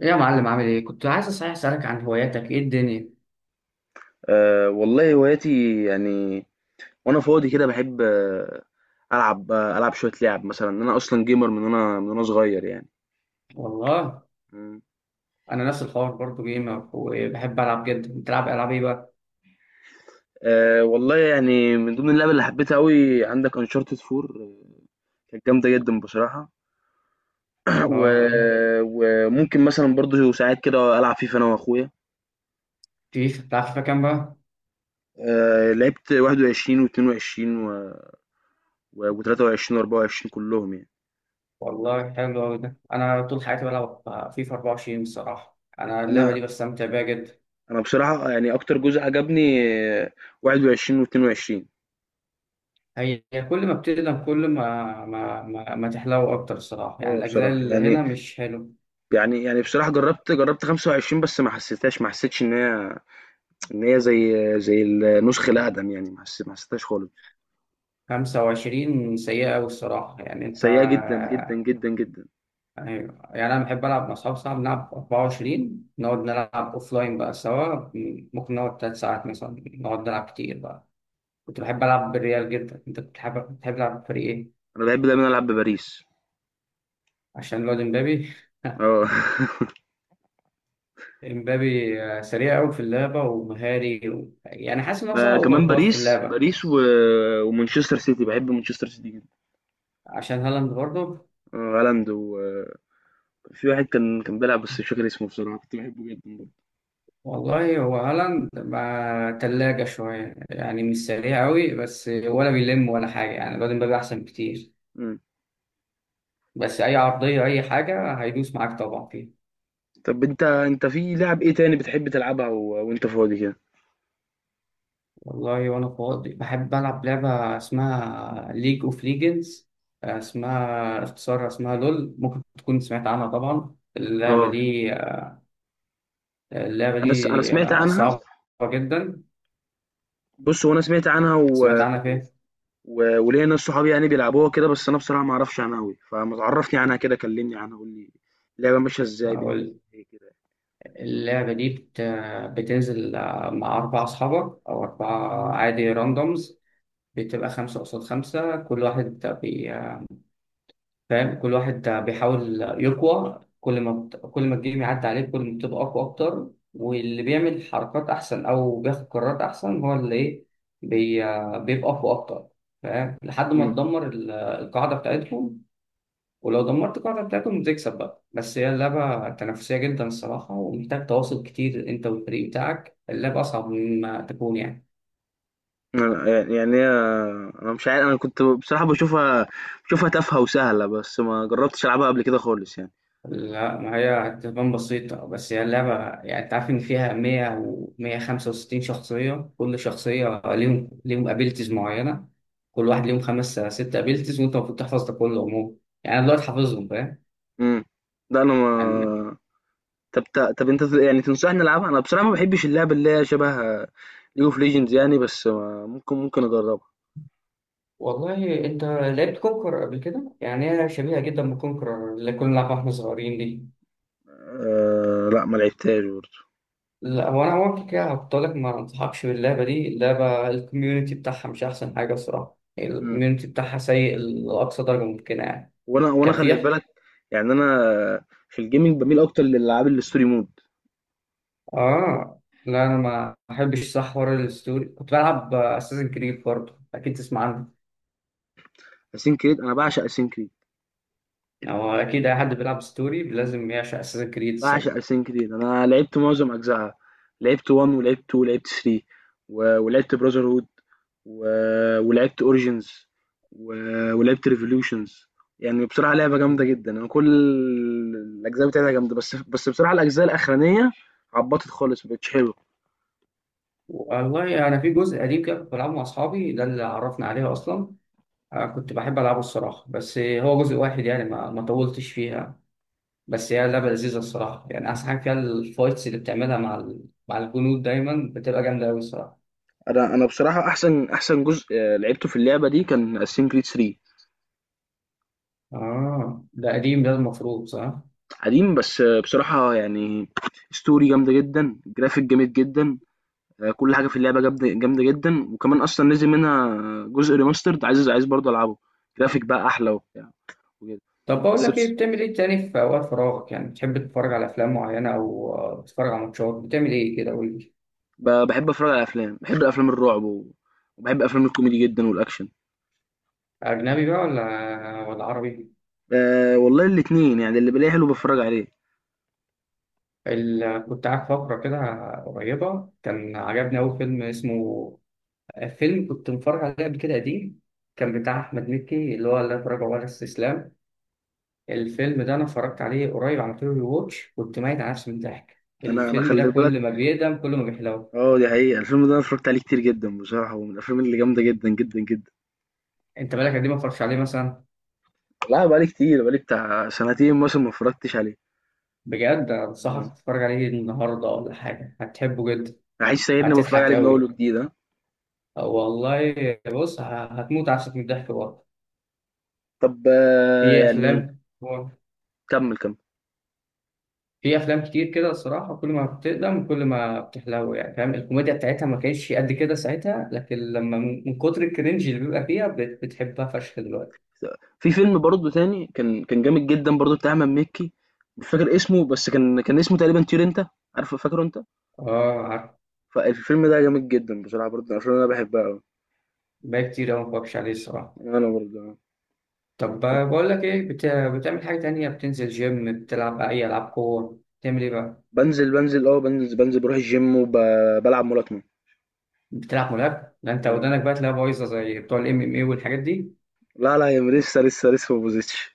ايه يا معلم، عامل ايه؟ كنت عايز صحيح اسالك عن هواياتك. ايه الدنيا؟ أه والله هواياتي يعني. وانا فاضي كده بحب العب شويه لعب مثلا انا اصلا جيمر من وانا صغير يعني. والله مم. انا نفس الحوار برضو، جيمر وبحب العب جدا. بتلعب العاب ايه بقى؟ أه والله يعني من ضمن اللعب اللي حبيتها قوي عندك انشارتد 4، كانت جامده جدا بصراحه. و... اه، ايه؟ وممكن مثلا برضو ساعات كده العب فيفا انا واخويا. فيفا؟ بتلعب فيفا كام بقى؟ أه لعبت 21 و22 و23 و24 كلهم يعني. والله حلو قوي ده، انا طول حياتي بلعب فيفا 24. الصراحه انا اللعبه انا دي بستمتع بيها جدا. انا بصراحه يعني اكتر جزء عجبني آه، 21 و22. هي كل ما بتقدم، كل ما تحلو اكتر الصراحه. يعني آه الاجزاء بصراحة اللي يعني هنا مش حلو. يعني يعني بصراحة جرّبت 25، بس ما حسّيتهاش، ما حسّيتش إن هي زي زي النُسخة الأقدم يعني، ما حسّيتهاش خالص. 25 سيئه قوي الصراحه. يعني انت... سيّئة جدًا، جدًا، جدًا، جدًا. ايوه. يعني انا بحب العب مع اصحابي، صعب نلعب 24 نقعد نلعب اوف لاين بقى سوا. ممكن نقعد 3 ساعات مثلا نقعد نلعب كتير بقى. كنت بحب العب بالريال جدا. انت كنت بتحب تلعب بفريق ايه؟ أنا باحب دايمًا ألعب بباريس. عشان الواد امبابي؟ آه. امبابي آه، سريع قوي في اللعبه ومهاري يعني حاسس ان هو صراحه اوفر كمان باور في باريس اللعبه و بس. ومانشستر سيتي، باحب مانشستر سيتي جدًا. عشان هالاند برضه؟ آه، هالاند، وفي واحد كان بيلعب بس مش فاكر اسمه بصراحة، كنت باحبه جدًا برضه. والله هو هالاند مع تلاجة شوية، يعني مش سريع قوي بس ولا بيلم ولا حاجة. يعني الواد امبابي أحسن بكتير. إمم. بس أي عرضية أي حاجة هيدوس معاك طبعا فيها. طَب أنت في لعب إيه تاني بتحب تلعبها وأنت فاضي كده؟ والله وأنا فاضي بحب ألعب لعبة اسمها ليج أوف ليجندز. اسمها اختصارها اسمها لول، ممكن تكون سمعت عنها طبعا. اللعبة آه. دي آه، أنا سمعت عنها. صعبة جدا. بُص، هو أنا سمعت عنها سمعت و عنها فين؟ و وليّا ناس صحابي يعني بيلعبوها كده، بس أنا بصراحة ما أعرفش عنها أوي، فما تعرّفني عنها كده، كلّمني عنها، قُل لي اللعبة ماشية إزاي، بنعمل أقول، فيها إيه كده يعني؟ اللعبة دي بتنزل آه، مع أربع أصحابك أو أربعة عادي راندومز. بتبقى خمسة قصاد خمسة. كل واحد بي... آه، فاهم، كل واحد بيحاول يقوى. كل ما كل ما الجيم يعدي عليه كل ما بتبقى أقوى أكتر. واللي بيعمل حركات أحسن أو بياخد قرارات أحسن هو اللي إيه بي... بيبقى أقوى أكتر. فاهم؟ لحد ما إمم. تدمر القاعدة بتاعتهم. ولو دمرت القاعدة بتاعتهم بتكسب بقى. بس هي اللعبة تنافسية جدا الصراحة، ومحتاج تواصل كتير أنت والفريق بتاعك. اللعبة أصعب مما تكون يعني. يعني أنا مش عارف، أنا كنت بصراحة باشوفها تافهة وسهلة، بس ما جرّبتش ألعبها قبل كده خالص يعني. لا، ما هي هتبان بسيطة، بس هي اللعبة يعني، أنت عارف إن فيها 100 و 165 شخصية. كل شخصية ليهم أبيلتيز معينة. كل واحد ليهم خمس ست أبيلتيز، وأنت المفروض تحفظ ده كله عموما. يعني أنا دلوقتي حافظهم، فاهم إمم. لأ أنا يعني. ما. طب أنت يعني تنصحني ألعبها؟ أنا بصراحة ما باحبش اللعب اللي هي شبه League of Legends يعني، بس ممكن أجرّبها. والله انت لعبت كونكر قبل كده؟ يعني هي شبيهه جدا بكونكر اللي كنا بنلعبها واحنا صغيرين دي. لأ، ما لعبتهاش برضه. لا، هو انا اول كده هقول لك ما انصحكش باللعبه دي. اللعبه الكوميونتي بتاعها مش احسن حاجه الصراحه، إمم. الكوميونتي بتاعها سيء لاقصى درجه ممكنه يعني. وانا كان خلي في... بالك، يعني انا في الجيمنج بميل اكتر للالعاب الستوري مود. اه. لا انا ما احبش صح حوار الستوري. كنت بلعب اساسن كريد برضه، اكيد تسمع عنه. اسين كريد، انا بعشق اسين كريد، او اكيد اي حد بيلعب ستوري لازم يعشق اساسن كريد الصراحه. بعشق اسين كريد، انا لعبت معظم اجزائها. لعبت 1 ولعبت 2 ولعبت 3 ولعبت براذر هود، ولعبت اوريجينز، ولعبت ريفوليوشنز. يعني بصراحه لعبه جامده جدا، انا كل الاجزاء بتاعتها جامده، بس بصراحه الاجزاء الاخرانيه عبطت خالص، مبقتش حلوه. والله انا يعني في جزء قديم كده كنت بلعبه مع اصحابي، ده اللي عرفنا عليه اصلا. أنا كنت بحب العبه الصراحه، بس هو جزء واحد يعني ما طولتش فيها. بس هي لعبه لذيذه الصراحه. يعني احسن حاجه فيها الفايتس اللي بتعملها مع مع الجنود، دايما بتبقى جامده قوي الصراحه. انا بصراحه احسن جزء لعبته في اللعبه دي كان اسين كريد 3. اه ده قديم، ده المفروض صح. قديم بس بصراحة يعني، ستوري جامدة جدًا، جرافيك جامد جدًا، كل حاجة في اللعبة جامدة جامدة جدًا، وكمان أصلًا نزل منها جزء remastered، عايز برضه ألعبه، جرافيك بقى أحلى وبتاع وكده. طب بقول بس لك بص، ايه، بتعمل ايه تاني في اوقات فراغك؟ يعني بتحب تتفرج على افلام معينه او آه، تتفرج على ماتشات؟ بتعمل ايه كده قول لي. باحب أتفرج على أفلام، باحب أفلام الرعب وباحب أفلام الكوميدي جدًا والأكشن. اجنبي بقى ولا عربي؟ والله الاتنين يعني، اللي بالاقيه حلو باتفرج عليه. كنت قاعد فقره كده قريبه كان عجبني قوي فيلم اسمه... فيلم كنت متفرج عليه قبل كده قديم، كان بتاع احمد مكي اللي هو لا تراجع ولا استسلام. الفيلم ده انا اتفرجت عليه قريب، عملت له واتش، كنت ميت على نفسي من الضحك. أنا الفيلم ده خلّي بالك، كل ما بيقدم كل ما بيحلو. آه دي حقيقة، الفيلم ده أنا اتفرجت عليه كتير جدًا بصراحة، ومن الأفلام اللي جامدة جدًا، جدًا، جدًا. انت بالك قد ايه ما اتفرجتش عليه مثلا؟ لأ بقى لي كتير، بقى لي بتاع سنتين مثلًا ما اتفرجتش عليه. بجد إمم. أنصحك تتفرج عليه النهاردة ولا حاجة، هتحبه جدا. عايش سايبني باتفرج هتضحك عليه من اول أوي، وجديد، ها؟ والله. بص، هتموت عفسك من الضحك برضه. طب في يعني أفلام، كمل كمل. في أفلام كتير كده الصراحة، كل ما بتقدم كل ما بتحلو. يعني فاهم، الكوميديا بتاعتها ما كانتش قد كده ساعتها، لكن لما من كتر الكرنج اللي بيبقى فيها بتحبها فشخ دلوقتي. في فيلم برضه تاني كان جامد جدا برضه بتاع احمد مكي، مش فاكر اسمه بس كان اسمه تقريبا طير انت، عارفه فاكره انت. آه عارف. فالفيلم ده جامد جدا بصراحه برضه، عشان انا بحبها قوي. بقى كتير أوي ما بتفرجش عليه الصراحة. انا برضه. طب بقول لك إيه، بتعمل حاجة تانية؟ بتنزل جيم، بتلعب أي ألعاب قوة، بتعمل إيه بقى؟ بنزل بنزل اه بنزل بنزل بروح الجيم وبلعب ملاكمه. بتلعب ملاكمة؟ ده انت مم. ودانك بقى تلاقيها بايظة زي بتوع الام ام اي والحاجات دي. لا، لا، يا لسه ما بوظتش.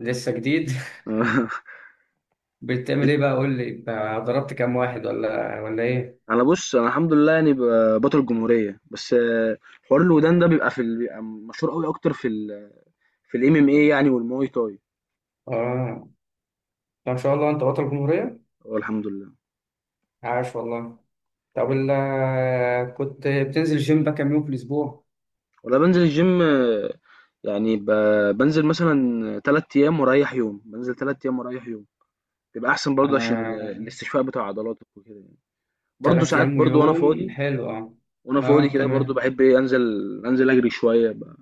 لسه جديد؟ بتعمل ايه بقى قول لي بقى، ضربت كام واحد ولا ايه؟ انا الحمد لله يعني، بطل جمهوريه بس. حوار الودان ده بيبقى بيبقى مشهور قوي اكتر في الام ام اي يعني، والمواي تاي. اه. طب ما شاء الله، انت بطل جمهورية. اه، الحمد لله. عاش والله. طب كنت بتنزل جيم بقى كام يوم في الاسبوع؟ ولا، بنزل الجيم، يعني بنزل مثلا تلات ايام واريح يوم، بنزل تلات ايام واريح يوم، بيبقى احسن برضه عشان انا الاستشفاء بتاع عضلاتك وكده يعني. برضه تلات ساعات ايام برضه وانا ويوم، فاضي، حلو اه. وانا اه فاضي كده بتعمل برضه ايه؟ بحب ايه، انزل، انزل اجري شويه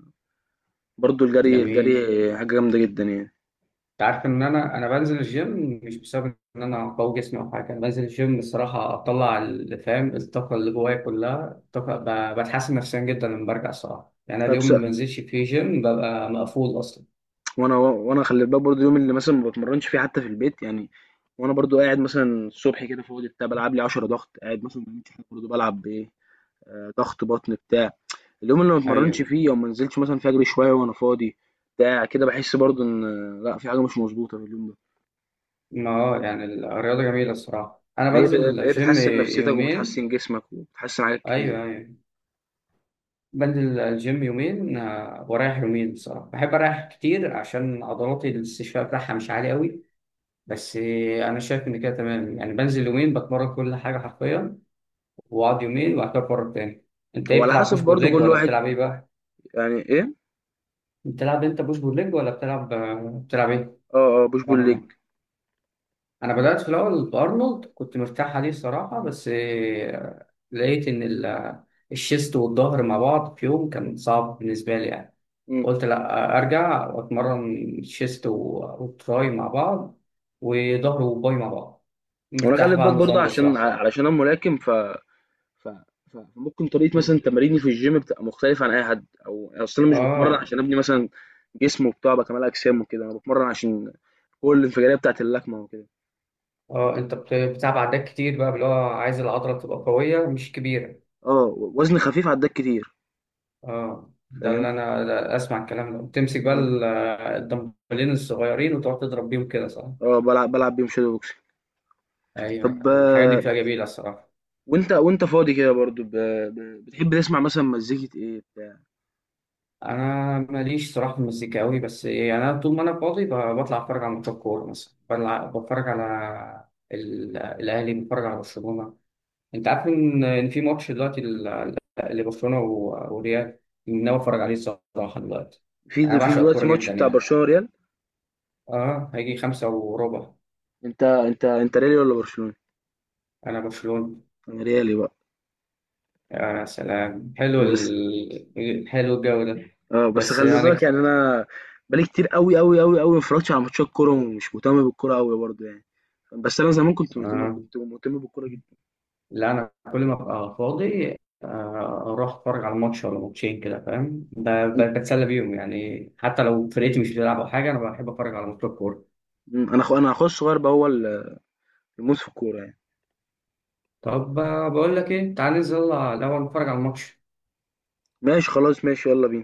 برضه. الجري الجري جميل. حاجه جامده جدا يعني. انت عارف ان انا بنزل الجيم مش بسبب ان انا قوي جسمي او حاجه؟ انا بنزل الجيم الصراحه اطلع اللي فاهم الطاقه اللي جوايا كلها، الطاقه بتحسن نفسيا جدا لما برجع الصراحه. يعني أنا فبس. اليوم اللي ما بنزلش فيه جيم ببقى مقفول اصلا. وانا خلي بالك برضه، يوم اللي مثلا ما بتمرنش فيه حتى في البيت يعني، وانا برضو قاعد مثلا الصبح كده فاضي بتاع، بلعب لي 10 ضغط، قاعد مثلا ما بعملش حاجه برضو بلعب ضغط بطن بتاع. اليوم اللي ما اتمرنش ايوه. فيه أو ما نزلتش مثلًا فيه، أجري شوية وأنا فاضي بتاع كده، باحس برضه إن، لأ، في حاجة مش مضبوطة في اليوم ده. ما هو يعني الرياضه جميله الصراحه. انا ما هي ب بنزل هي جيم بتحسن نفسيتك يومين. وبتحسن جسمك وبتحسن حاجات كتير ايوه، يعني. ايوه. بنزل الجيم يومين آه، ورايح يومين. بصراحه بحب اريح كتير عشان عضلاتي الاستشفاء بتاعها مش عالي قوي. بس انا شايف ان كده تمام يعني، بنزل يومين بتمرن كل حاجه حرفيا، واقعد يومين وبعد كده اتمرن تاني. انت هو ايه، على بتلعب حسب بوش بول برضه ليج كل ولا واحد. بتلعب ايه بقى؟ يعني إيه؟ بتلعب انت بوش بول ليج ولا بتلعب؟ بتلعب ايه؟ آه، آه، push pull leg. ارنولد؟ انا بدات في الاول بارنولد كنت مرتاح عليه الصراحه، بس آه، لقيت ان الشيست والظهر مع بعض في يوم كان صعب بالنسبه لي يعني. إمم. قلت لا ارجع واتمرن شيست وتراي مع بعض، وظهر وباي مع بعض. وأنا خلّي مرتاح بقى على بالك برضه النظام ده عشان ع الصراحه. علشان أنا ملاكم، ف ف ف ممكن طريقة مثلًا تماريني في الgym بتبقى مختلفة عن أي حد، أو أصل أنا مش باتمرن اه. عشان أبني مثلًا جسم وبتاع وأبقى كمال أجسام وكده، أنا باتمرن عشان القوة الانفجارية بتاعة اللكمة وكده. اه انت بتلعب عدات كتير بقى، اللي هو عايز العضله تبقى قويه مش كبيره. آه، وزن خفيف عدّاك كتير، اه ده فاهم. اللي انا، ده اسمع الكلام ده. تمسك بقى إمم. الدمبلين الصغيرين وتقعد تضرب بيهم كده، صح؟ آه، بالعب بيهم shadow boxing. طب ايوه الحاجات دي بتبقى جميله الصراحه. وأنت فاضي كده برضه، ب ب بتحب تسمع مثلًا مزيكة إيه بتاع؟ انا ماليش صراحه في المزيكا قوي، بس يعني انا طول ما انا فاضي بطلع اتفرج على ماتشات كوره مثلا، بتفرج على الاهلي، بتفرج على برشلونه. انت عارف ان إن في ماتش دلوقتي لبرشلونه وريال، ناوي اتفرج عليه الصراحه دلوقتي. في د انا في بعشق دلوقتي الكوره ماتش جدا بتاع يعني. برشلونة ريال. اه هيجي 5:15. أنت ريالي والّا برشلوني؟ انا برشلونه. أنا ريالي بقى. يا سلام، حلو بس حلو الجو ده. بس بس خلّي بالك يعني، هنك أنا بقى لي كتير أوي، أوي، أوي، أوي ما اتفرّجتش على ماتشات كورة، ومش مهتم بالكورة أوي برضه يعني، بس أنا زمان كنت مهتم آه. كنت مهتم بالكورة جدًا. لا انا كل ما ابقى فاضي آه، اروح اتفرج على ماتش ولا ماتشين كده، فاهم، بتسلى بيهم يعني. حتى لو فرقتي مش بتلعب او حاجه انا بحب اتفرج على ماتشات كوره. إمم. أنا أخويا الصغير بقى هو الموس في الكورة يعني. طب آه، بقول لك ايه، تعال ننزل يلا الاول نتفرج على الماتش. ماشي خلاص ماشي يالّا بينا.